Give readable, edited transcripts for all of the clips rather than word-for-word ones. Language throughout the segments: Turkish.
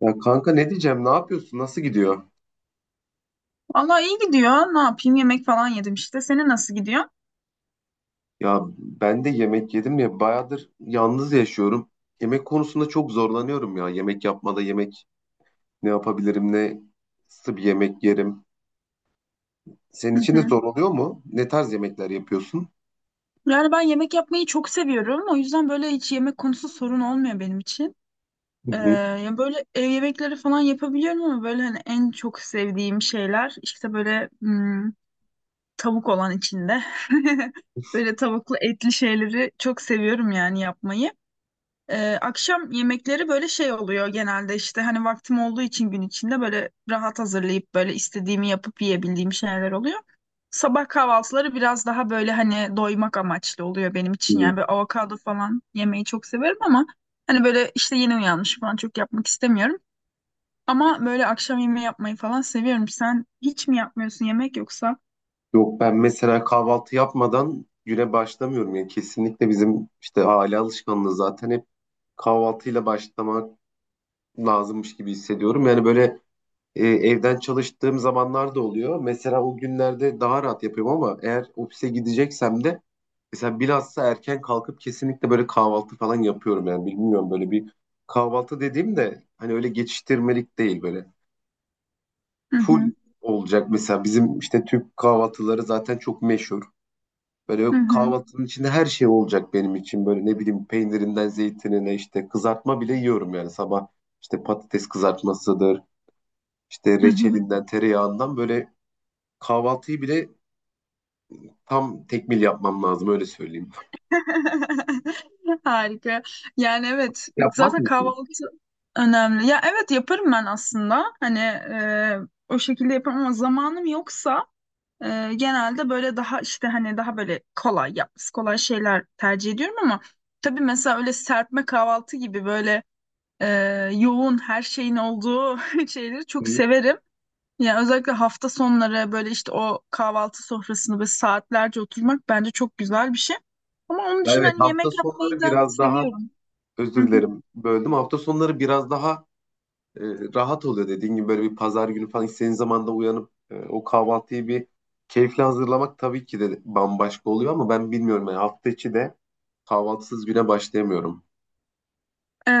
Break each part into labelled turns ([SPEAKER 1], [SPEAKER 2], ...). [SPEAKER 1] Ya kanka, ne diyeceğim? Ne yapıyorsun? Nasıl gidiyor?
[SPEAKER 2] Vallahi iyi gidiyor. Ne yapayım? Yemek falan yedim işte. Senin nasıl gidiyor?
[SPEAKER 1] Ya ben de yemek yedim, ya bayağıdır yalnız yaşıyorum. Yemek konusunda çok zorlanıyorum ya. Yemek yapmada yemek ne yapabilirim? Nasıl bir yemek yerim? Senin
[SPEAKER 2] Hı
[SPEAKER 1] için de
[SPEAKER 2] hı.
[SPEAKER 1] zor oluyor mu? Ne tarz yemekler yapıyorsun?
[SPEAKER 2] Yani ben yemek yapmayı çok seviyorum. O yüzden böyle hiç yemek konusu sorun olmuyor benim için.
[SPEAKER 1] Hı hı.
[SPEAKER 2] Ya böyle ev yemekleri falan yapabiliyorum ama böyle hani en çok sevdiğim şeyler işte böyle tavuk olan içinde. Böyle tavuklu etli şeyleri çok seviyorum yani yapmayı. Akşam yemekleri böyle şey oluyor genelde işte hani vaktim olduğu için gün içinde böyle rahat hazırlayıp böyle istediğimi yapıp yiyebildiğim şeyler oluyor. Sabah kahvaltıları biraz daha böyle hani doymak amaçlı oluyor benim için.
[SPEAKER 1] Hı.
[SPEAKER 2] Yani böyle avokado falan yemeyi çok severim ama hani böyle işte yeni uyanmış falan çok yapmak istemiyorum. Ama böyle akşam yemeği yapmayı falan seviyorum. Sen hiç mi yapmıyorsun yemek yoksa?
[SPEAKER 1] Yok, ben mesela kahvaltı yapmadan güne başlamıyorum. Yani kesinlikle bizim işte aile alışkanlığı, zaten hep kahvaltıyla başlamak lazımmış gibi hissediyorum. Yani böyle. Evden çalıştığım zamanlar da oluyor. Mesela o günlerde daha rahat yapıyorum, ama eğer ofise gideceksem de mesela bilhassa erken kalkıp kesinlikle böyle kahvaltı falan yapıyorum. Yani bilmiyorum, böyle bir kahvaltı dediğim de hani öyle geçiştirmelik değil, böyle
[SPEAKER 2] Hı
[SPEAKER 1] full
[SPEAKER 2] hı.
[SPEAKER 1] olacak. Mesela bizim işte Türk kahvaltıları zaten çok meşhur. Böyle
[SPEAKER 2] Hı
[SPEAKER 1] kahvaltının içinde her şey olacak benim için, böyle ne bileyim peynirinden zeytinine, işte kızartma bile yiyorum yani sabah, işte patates kızartmasıdır, işte
[SPEAKER 2] hı.
[SPEAKER 1] reçelinden tereyağından, böyle kahvaltıyı bile tam tekmil yapmam lazım, öyle söyleyeyim.
[SPEAKER 2] Harika. Yani evet
[SPEAKER 1] Yapmak
[SPEAKER 2] zaten
[SPEAKER 1] mısın?
[SPEAKER 2] kahvaltı önemli. Ya evet yaparım ben aslında. Hani, o şekilde yaparım ama zamanım yoksa genelde böyle daha işte hani daha böyle kolay yapması kolay şeyler tercih ediyorum ama tabii mesela öyle serpme kahvaltı gibi böyle e, yoğun her şeyin olduğu şeyleri çok
[SPEAKER 1] Hı.
[SPEAKER 2] severim. Yani özellikle hafta sonları böyle işte o kahvaltı sofrasını böyle saatlerce oturmak bence çok güzel bir şey. Ama onun
[SPEAKER 1] Ya
[SPEAKER 2] dışında
[SPEAKER 1] evet,
[SPEAKER 2] hani
[SPEAKER 1] hafta
[SPEAKER 2] yemek yapmayı
[SPEAKER 1] sonları
[SPEAKER 2] da
[SPEAKER 1] biraz daha,
[SPEAKER 2] seviyorum. Hı
[SPEAKER 1] özür
[SPEAKER 2] hı.
[SPEAKER 1] dilerim, böldüm. Hafta sonları biraz daha e, rahat oluyor dediğin gibi, böyle bir pazar günü falan istediğin zaman da uyanıp o kahvaltıyı bir keyifle hazırlamak tabii ki de bambaşka oluyor, ama ben bilmiyorum, yani hafta içi de kahvaltısız güne başlayamıyorum.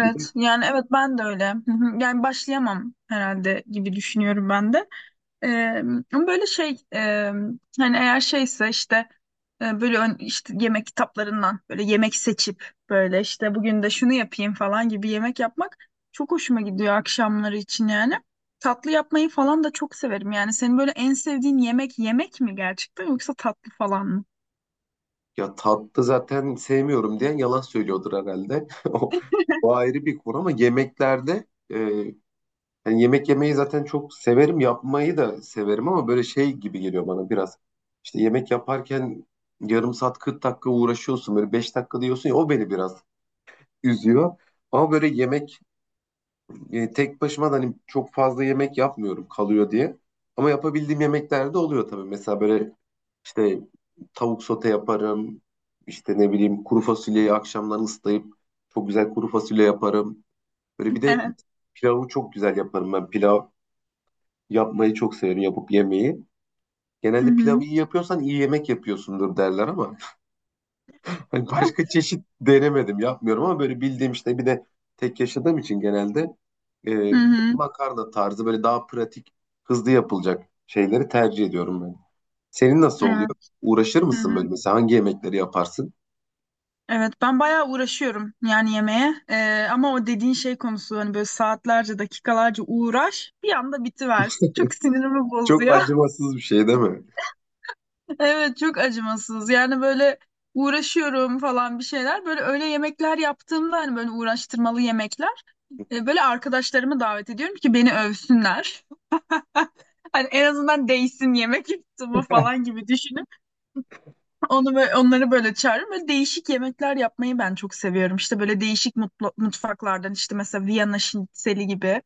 [SPEAKER 1] Bir de,
[SPEAKER 2] yani evet ben de öyle. Hı hı. Yani başlayamam herhalde gibi düşünüyorum ben de. Eee, Ama böyle şey, hani eğer şeyse işte, işte yemek kitaplarından böyle yemek seçip böyle işte bugün de şunu yapayım falan gibi yemek yapmak çok hoşuma gidiyor akşamları için yani. Tatlı yapmayı falan da çok severim yani. Senin böyle en sevdiğin yemek yemek mi gerçekten yoksa tatlı falan mı?
[SPEAKER 1] ya tatlı zaten sevmiyorum diyen yalan söylüyordur herhalde. O ayrı bir konu, ama yemeklerde e, yani yemek yemeyi zaten çok severim, yapmayı da severim, ama böyle şey gibi geliyor bana biraz. İşte yemek yaparken yarım saat 40 dakika uğraşıyorsun, böyle 5 dakika diyorsun ya, o beni biraz üzüyor. Ama böyle yemek tek başıma da hani çok fazla yemek yapmıyorum, kalıyor diye. Ama yapabildiğim yemekler de oluyor tabii. Mesela böyle işte tavuk sote yaparım. İşte ne bileyim, kuru fasulyeyi akşamdan ıslayıp çok güzel kuru fasulye yaparım. Böyle bir de pilavı çok güzel yaparım ben. Yapmayı çok severim, yapıp yemeği.
[SPEAKER 2] Hı
[SPEAKER 1] Genelde
[SPEAKER 2] hı.
[SPEAKER 1] pilavı iyi yapıyorsan iyi yemek yapıyorsundur derler ama hani başka çeşit denemedim, yapmıyorum, ama böyle bildiğim işte, bir de tek yaşadığım için genelde
[SPEAKER 2] Hı
[SPEAKER 1] e,
[SPEAKER 2] hı.
[SPEAKER 1] makarna tarzı böyle daha pratik, hızlı yapılacak şeyleri tercih ediyorum ben. Senin nasıl oluyor?
[SPEAKER 2] Evet.
[SPEAKER 1] Uğraşır
[SPEAKER 2] Hı hı.
[SPEAKER 1] mısın, böyle mesela hangi yemekleri yaparsın?
[SPEAKER 2] Evet ben bayağı uğraşıyorum yani yemeğe. Ama o dediğin şey konusu hani böyle saatlerce dakikalarca uğraş bir anda bitiversin çok sinirimi
[SPEAKER 1] Çok
[SPEAKER 2] bozuyor.
[SPEAKER 1] acımasız bir şey değil mi?
[SPEAKER 2] Evet çok acımasız yani böyle uğraşıyorum falan bir şeyler böyle öyle yemekler yaptığımda hani böyle uğraştırmalı yemekler, böyle arkadaşlarımı davet ediyorum ki beni övsünler. Hani en azından değsin yemek yaptığımı falan gibi düşünüp onu böyle, onları böyle çağırıyorum. Böyle değişik yemekler yapmayı ben çok seviyorum. İşte böyle değişik mutfaklardan işte mesela Viyana şnitzeli gibi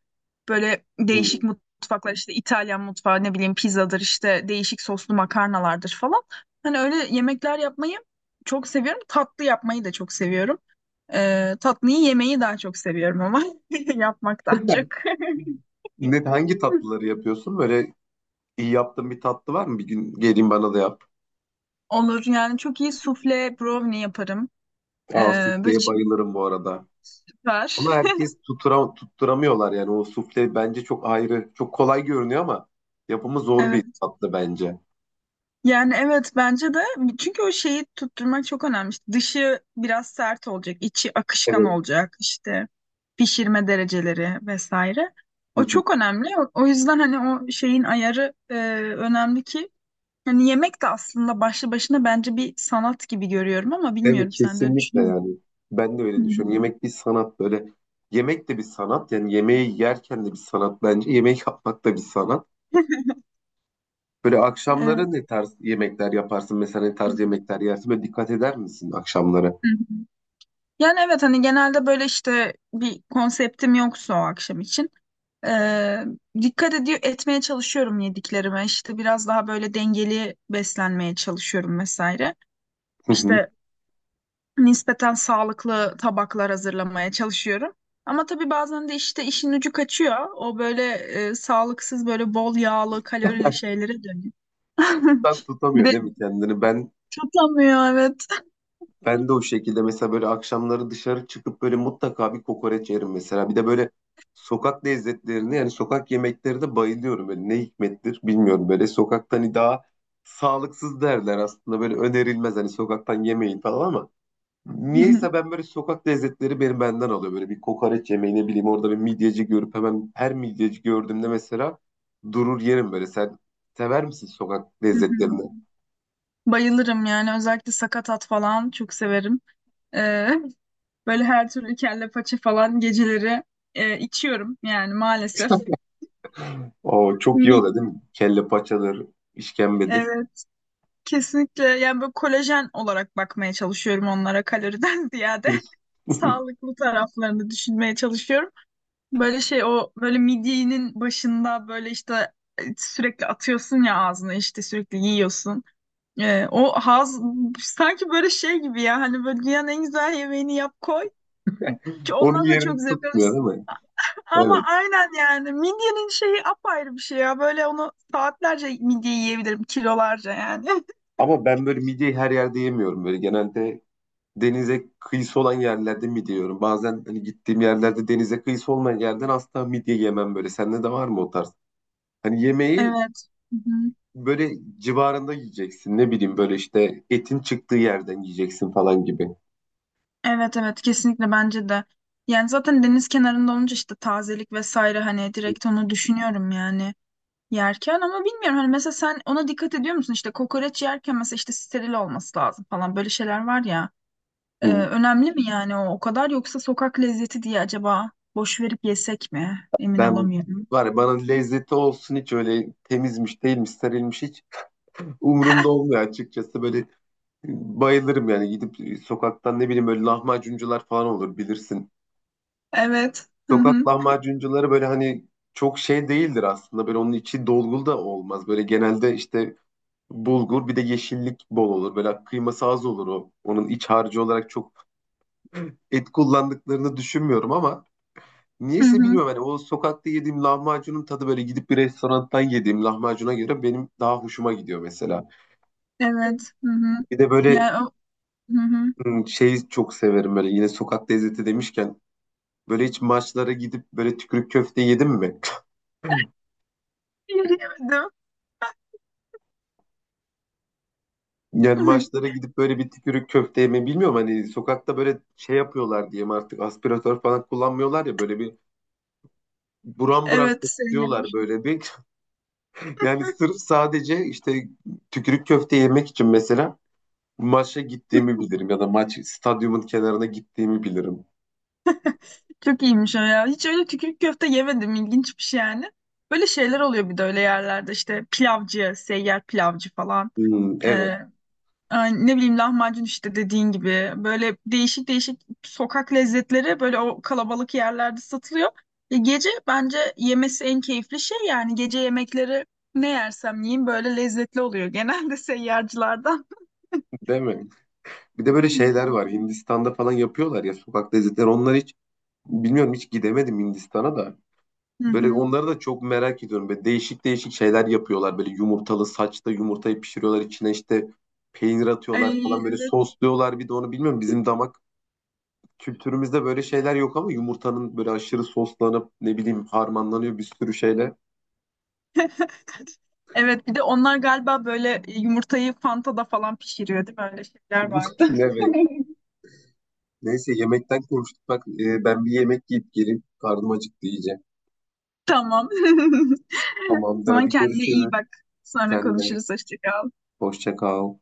[SPEAKER 2] böyle
[SPEAKER 1] Hmm.
[SPEAKER 2] değişik mutfaklar işte İtalyan mutfağı ne bileyim pizzadır işte değişik soslu makarnalardır falan. Hani öyle yemekler yapmayı çok seviyorum. Tatlı yapmayı da çok seviyorum. Tatlıyı yemeyi daha çok seviyorum ama yapmaktan çok.
[SPEAKER 1] Hangi tatlıları yapıyorsun? Böyle iyi yaptığın bir tatlı var mı? Bir gün geleyim, bana da yap.
[SPEAKER 2] Olur yani çok iyi sufle brownie yaparım.
[SPEAKER 1] Aa,
[SPEAKER 2] Ee, Böyle
[SPEAKER 1] sufleye
[SPEAKER 2] çift
[SPEAKER 1] bayılırım bu arada.
[SPEAKER 2] süper.
[SPEAKER 1] Ama herkes tutturamıyorlar yani, o sufle bence çok ayrı. Çok kolay görünüyor ama yapımı zor bir tatlı bence.
[SPEAKER 2] Yani evet bence de çünkü o şeyi tutturmak çok önemli. İşte dışı biraz sert olacak, içi akışkan
[SPEAKER 1] Evet.
[SPEAKER 2] olacak işte pişirme dereceleri vesaire. O çok önemli. O, o yüzden hani o şeyin ayarı önemli ki hani yemek de aslında başlı başına bence bir sanat gibi görüyorum ama
[SPEAKER 1] Değil mi?
[SPEAKER 2] bilmiyorum sen de öyle
[SPEAKER 1] Kesinlikle
[SPEAKER 2] düşünüyor musun?
[SPEAKER 1] yani. Ben de
[SPEAKER 2] Hı.
[SPEAKER 1] öyle düşünüyorum. Yemek bir sanat böyle. Yemek de bir sanat. Yani yemeği yerken de bir sanat bence. Yemek yapmak da bir sanat. Böyle akşamları
[SPEAKER 2] Evet.
[SPEAKER 1] ne tarz yemekler yaparsın? Mesela ne
[SPEAKER 2] Hı.
[SPEAKER 1] tarz yemekler yersin? Böyle dikkat eder misin akşamları?
[SPEAKER 2] Yani evet hani genelde böyle işte bir konseptim yoksa o akşam için. Ee, Dikkat ediyor etmeye çalışıyorum yediklerime. İşte biraz daha böyle dengeli beslenmeye çalışıyorum vesaire.
[SPEAKER 1] Hı.
[SPEAKER 2] İşte nispeten sağlıklı tabaklar hazırlamaya çalışıyorum. Ama tabii bazen de işte işin ucu kaçıyor. O böyle, sağlıksız böyle bol yağlı kalorili şeylere dönüyor.
[SPEAKER 1] Ben
[SPEAKER 2] Bir
[SPEAKER 1] tutamıyor
[SPEAKER 2] de
[SPEAKER 1] değil mi kendini? Ben
[SPEAKER 2] tutamıyor evet.
[SPEAKER 1] Ben de o şekilde mesela, böyle akşamları dışarı çıkıp böyle mutlaka bir kokoreç yerim mesela. Bir de böyle sokak lezzetlerine, yani sokak yemeklerine bayılıyorum. Böyle ne hikmettir bilmiyorum, böyle sokaktan hani daha sağlıksız derler aslında, böyle önerilmez hani sokaktan yemeyin falan, ama niyeyse ben böyle sokak lezzetleri benim benden alıyor. Böyle bir kokoreç yemeği, ne bileyim, orada bir midyeci görüp hemen her midyeci gördüğümde mesela durur yerim böyle. Sen sever misin sokak lezzetlerini?
[SPEAKER 2] Bayılırım yani özellikle sakatat falan çok severim. Ee, Böyle her türlü kelle paça falan geceleri içiyorum yani maalesef.
[SPEAKER 1] O çok iyi
[SPEAKER 2] Mi-
[SPEAKER 1] oluyor değil mi? Kelle paçadır, işkembedir.
[SPEAKER 2] Evet kesinlikle yani böyle kolajen olarak bakmaya çalışıyorum onlara kaloriden ziyade sağlıklı taraflarını düşünmeye çalışıyorum. Böyle şey o böyle midyenin başında böyle işte, sürekli atıyorsun ya ağzına işte sürekli yiyorsun. O haz sanki böyle şey gibi ya hani böyle dünyanın en güzel yemeğini yap koy. Ki
[SPEAKER 1] Onun
[SPEAKER 2] ondan da çok
[SPEAKER 1] yerini
[SPEAKER 2] zevk
[SPEAKER 1] tutmuyor
[SPEAKER 2] alıyorsun.
[SPEAKER 1] değil mi?
[SPEAKER 2] Ama
[SPEAKER 1] Evet.
[SPEAKER 2] aynen yani midyenin şeyi apayrı bir şey ya. Böyle onu saatlerce midye yiyebilirim kilolarca yani.
[SPEAKER 1] Ama ben böyle midyeyi her yerde yemiyorum. Böyle genelde denize kıyısı olan yerlerde midye yiyorum. Bazen hani gittiğim yerlerde denize kıyısı olmayan yerden asla midye yemem böyle. Sende de var mı o tarz? Hani yemeği
[SPEAKER 2] Evet. Hı hı.
[SPEAKER 1] böyle civarında yiyeceksin. Ne bileyim böyle, işte etin çıktığı yerden yiyeceksin falan gibi.
[SPEAKER 2] Evet evet kesinlikle bence de. Yani zaten deniz kenarında olunca işte tazelik vesaire hani direkt onu düşünüyorum yani yerken ama bilmiyorum hani mesela sen ona dikkat ediyor musun işte kokoreç yerken mesela işte steril olması lazım falan böyle şeyler var ya.
[SPEAKER 1] Hı.
[SPEAKER 2] Önemli mi yani o o kadar yoksa sokak lezzeti diye acaba boş verip yesek mi? Emin
[SPEAKER 1] Ben
[SPEAKER 2] olamıyorum.
[SPEAKER 1] var ya, bana lezzeti olsun, hiç öyle temizmiş değilmiş serilmiş hiç umurumda olmuyor açıkçası. Böyle bayılırım yani gidip sokaktan ne bileyim, böyle lahmacuncular falan olur, bilirsin.
[SPEAKER 2] Evet. Hı
[SPEAKER 1] Sokak
[SPEAKER 2] hı.
[SPEAKER 1] lahmacuncuları böyle hani çok şey değildir aslında, böyle onun içi dolgulu da olmaz. Böyle genelde işte bulgur, bir de yeşillik bol olur. Böyle kıyması az olur o. Onun iç harcı olarak çok et kullandıklarını düşünmüyorum, ama
[SPEAKER 2] Hı
[SPEAKER 1] niyeyse
[SPEAKER 2] hı.
[SPEAKER 1] bilmiyorum hani o sokakta yediğim lahmacunun tadı, böyle gidip bir restorandan yediğim lahmacuna göre benim daha hoşuma gidiyor mesela.
[SPEAKER 2] Evet. Hı hı.
[SPEAKER 1] Bir de böyle
[SPEAKER 2] Yani o, hı hı.
[SPEAKER 1] şeyi çok severim böyle, yine sokak lezzeti demişken, böyle hiç maçlara gidip böyle tükürük köfte yedin mi?
[SPEAKER 2] Yemedim.
[SPEAKER 1] Yani maçlara gidip böyle bir tükürük köfte yeme, bilmiyorum hani sokakta böyle şey yapıyorlar diyeyim artık, aspiratör falan kullanmıyorlar ya, böyle bir buram buram
[SPEAKER 2] Evet seni
[SPEAKER 1] kokuyorlar
[SPEAKER 2] yemiş.
[SPEAKER 1] böyle bir. Yani sırf, sadece işte tükürük köfte yemek için mesela maça gittiğimi bilirim, ya da maç stadyumun kenarına gittiğimi bilirim.
[SPEAKER 2] Çok iyiymiş o ya. Hiç öyle tükürük köfte yemedim. İlginç bir şey yani. Böyle şeyler oluyor bir de öyle yerlerde işte pilavcı, seyyar pilavcı falan.
[SPEAKER 1] Hmm, evet,
[SPEAKER 2] Ee, Ay, ne bileyim lahmacun işte dediğin gibi böyle değişik değişik sokak lezzetleri böyle o kalabalık yerlerde satılıyor. Gece bence yemesi en keyifli şey yani gece yemekleri ne yersem yiyeyim böyle lezzetli oluyor genelde seyyarcılardan.
[SPEAKER 1] değil mi? Bir de böyle şeyler var Hindistan'da falan yapıyorlar ya, sokak lezzetleri. Onlar hiç bilmiyorum, hiç gidemedim Hindistan'a da.
[SPEAKER 2] Hı
[SPEAKER 1] Böyle
[SPEAKER 2] hı.
[SPEAKER 1] onları da çok merak ediyorum. Böyle değişik değişik şeyler yapıyorlar. Böyle yumurtalı saçta yumurtayı pişiriyorlar. İçine işte peynir atıyorlar
[SPEAKER 2] Ay,
[SPEAKER 1] falan. Böyle
[SPEAKER 2] evet.
[SPEAKER 1] sosluyorlar, bir de onu bilmiyorum. Bizim damak kültürümüzde böyle şeyler yok, ama yumurtanın böyle aşırı soslanıp ne bileyim harmanlanıyor bir sürü şeyle.
[SPEAKER 2] Evet bir de onlar galiba böyle yumurtayı Fanta'da falan pişiriyor değil mi? Öyle şeyler vardı.
[SPEAKER 1] Evet. Neyse, yemekten konuştuk. Bak, ben bir yemek yiyip geleyim. Karnım acıktı iyice.
[SPEAKER 2] Tamam. O
[SPEAKER 1] Tamamdır,
[SPEAKER 2] zaman
[SPEAKER 1] hadi
[SPEAKER 2] kendine iyi
[SPEAKER 1] görüşürüz.
[SPEAKER 2] bak. Sonra
[SPEAKER 1] Sen de
[SPEAKER 2] konuşuruz. Hoşça kal.
[SPEAKER 1] hoşça kal.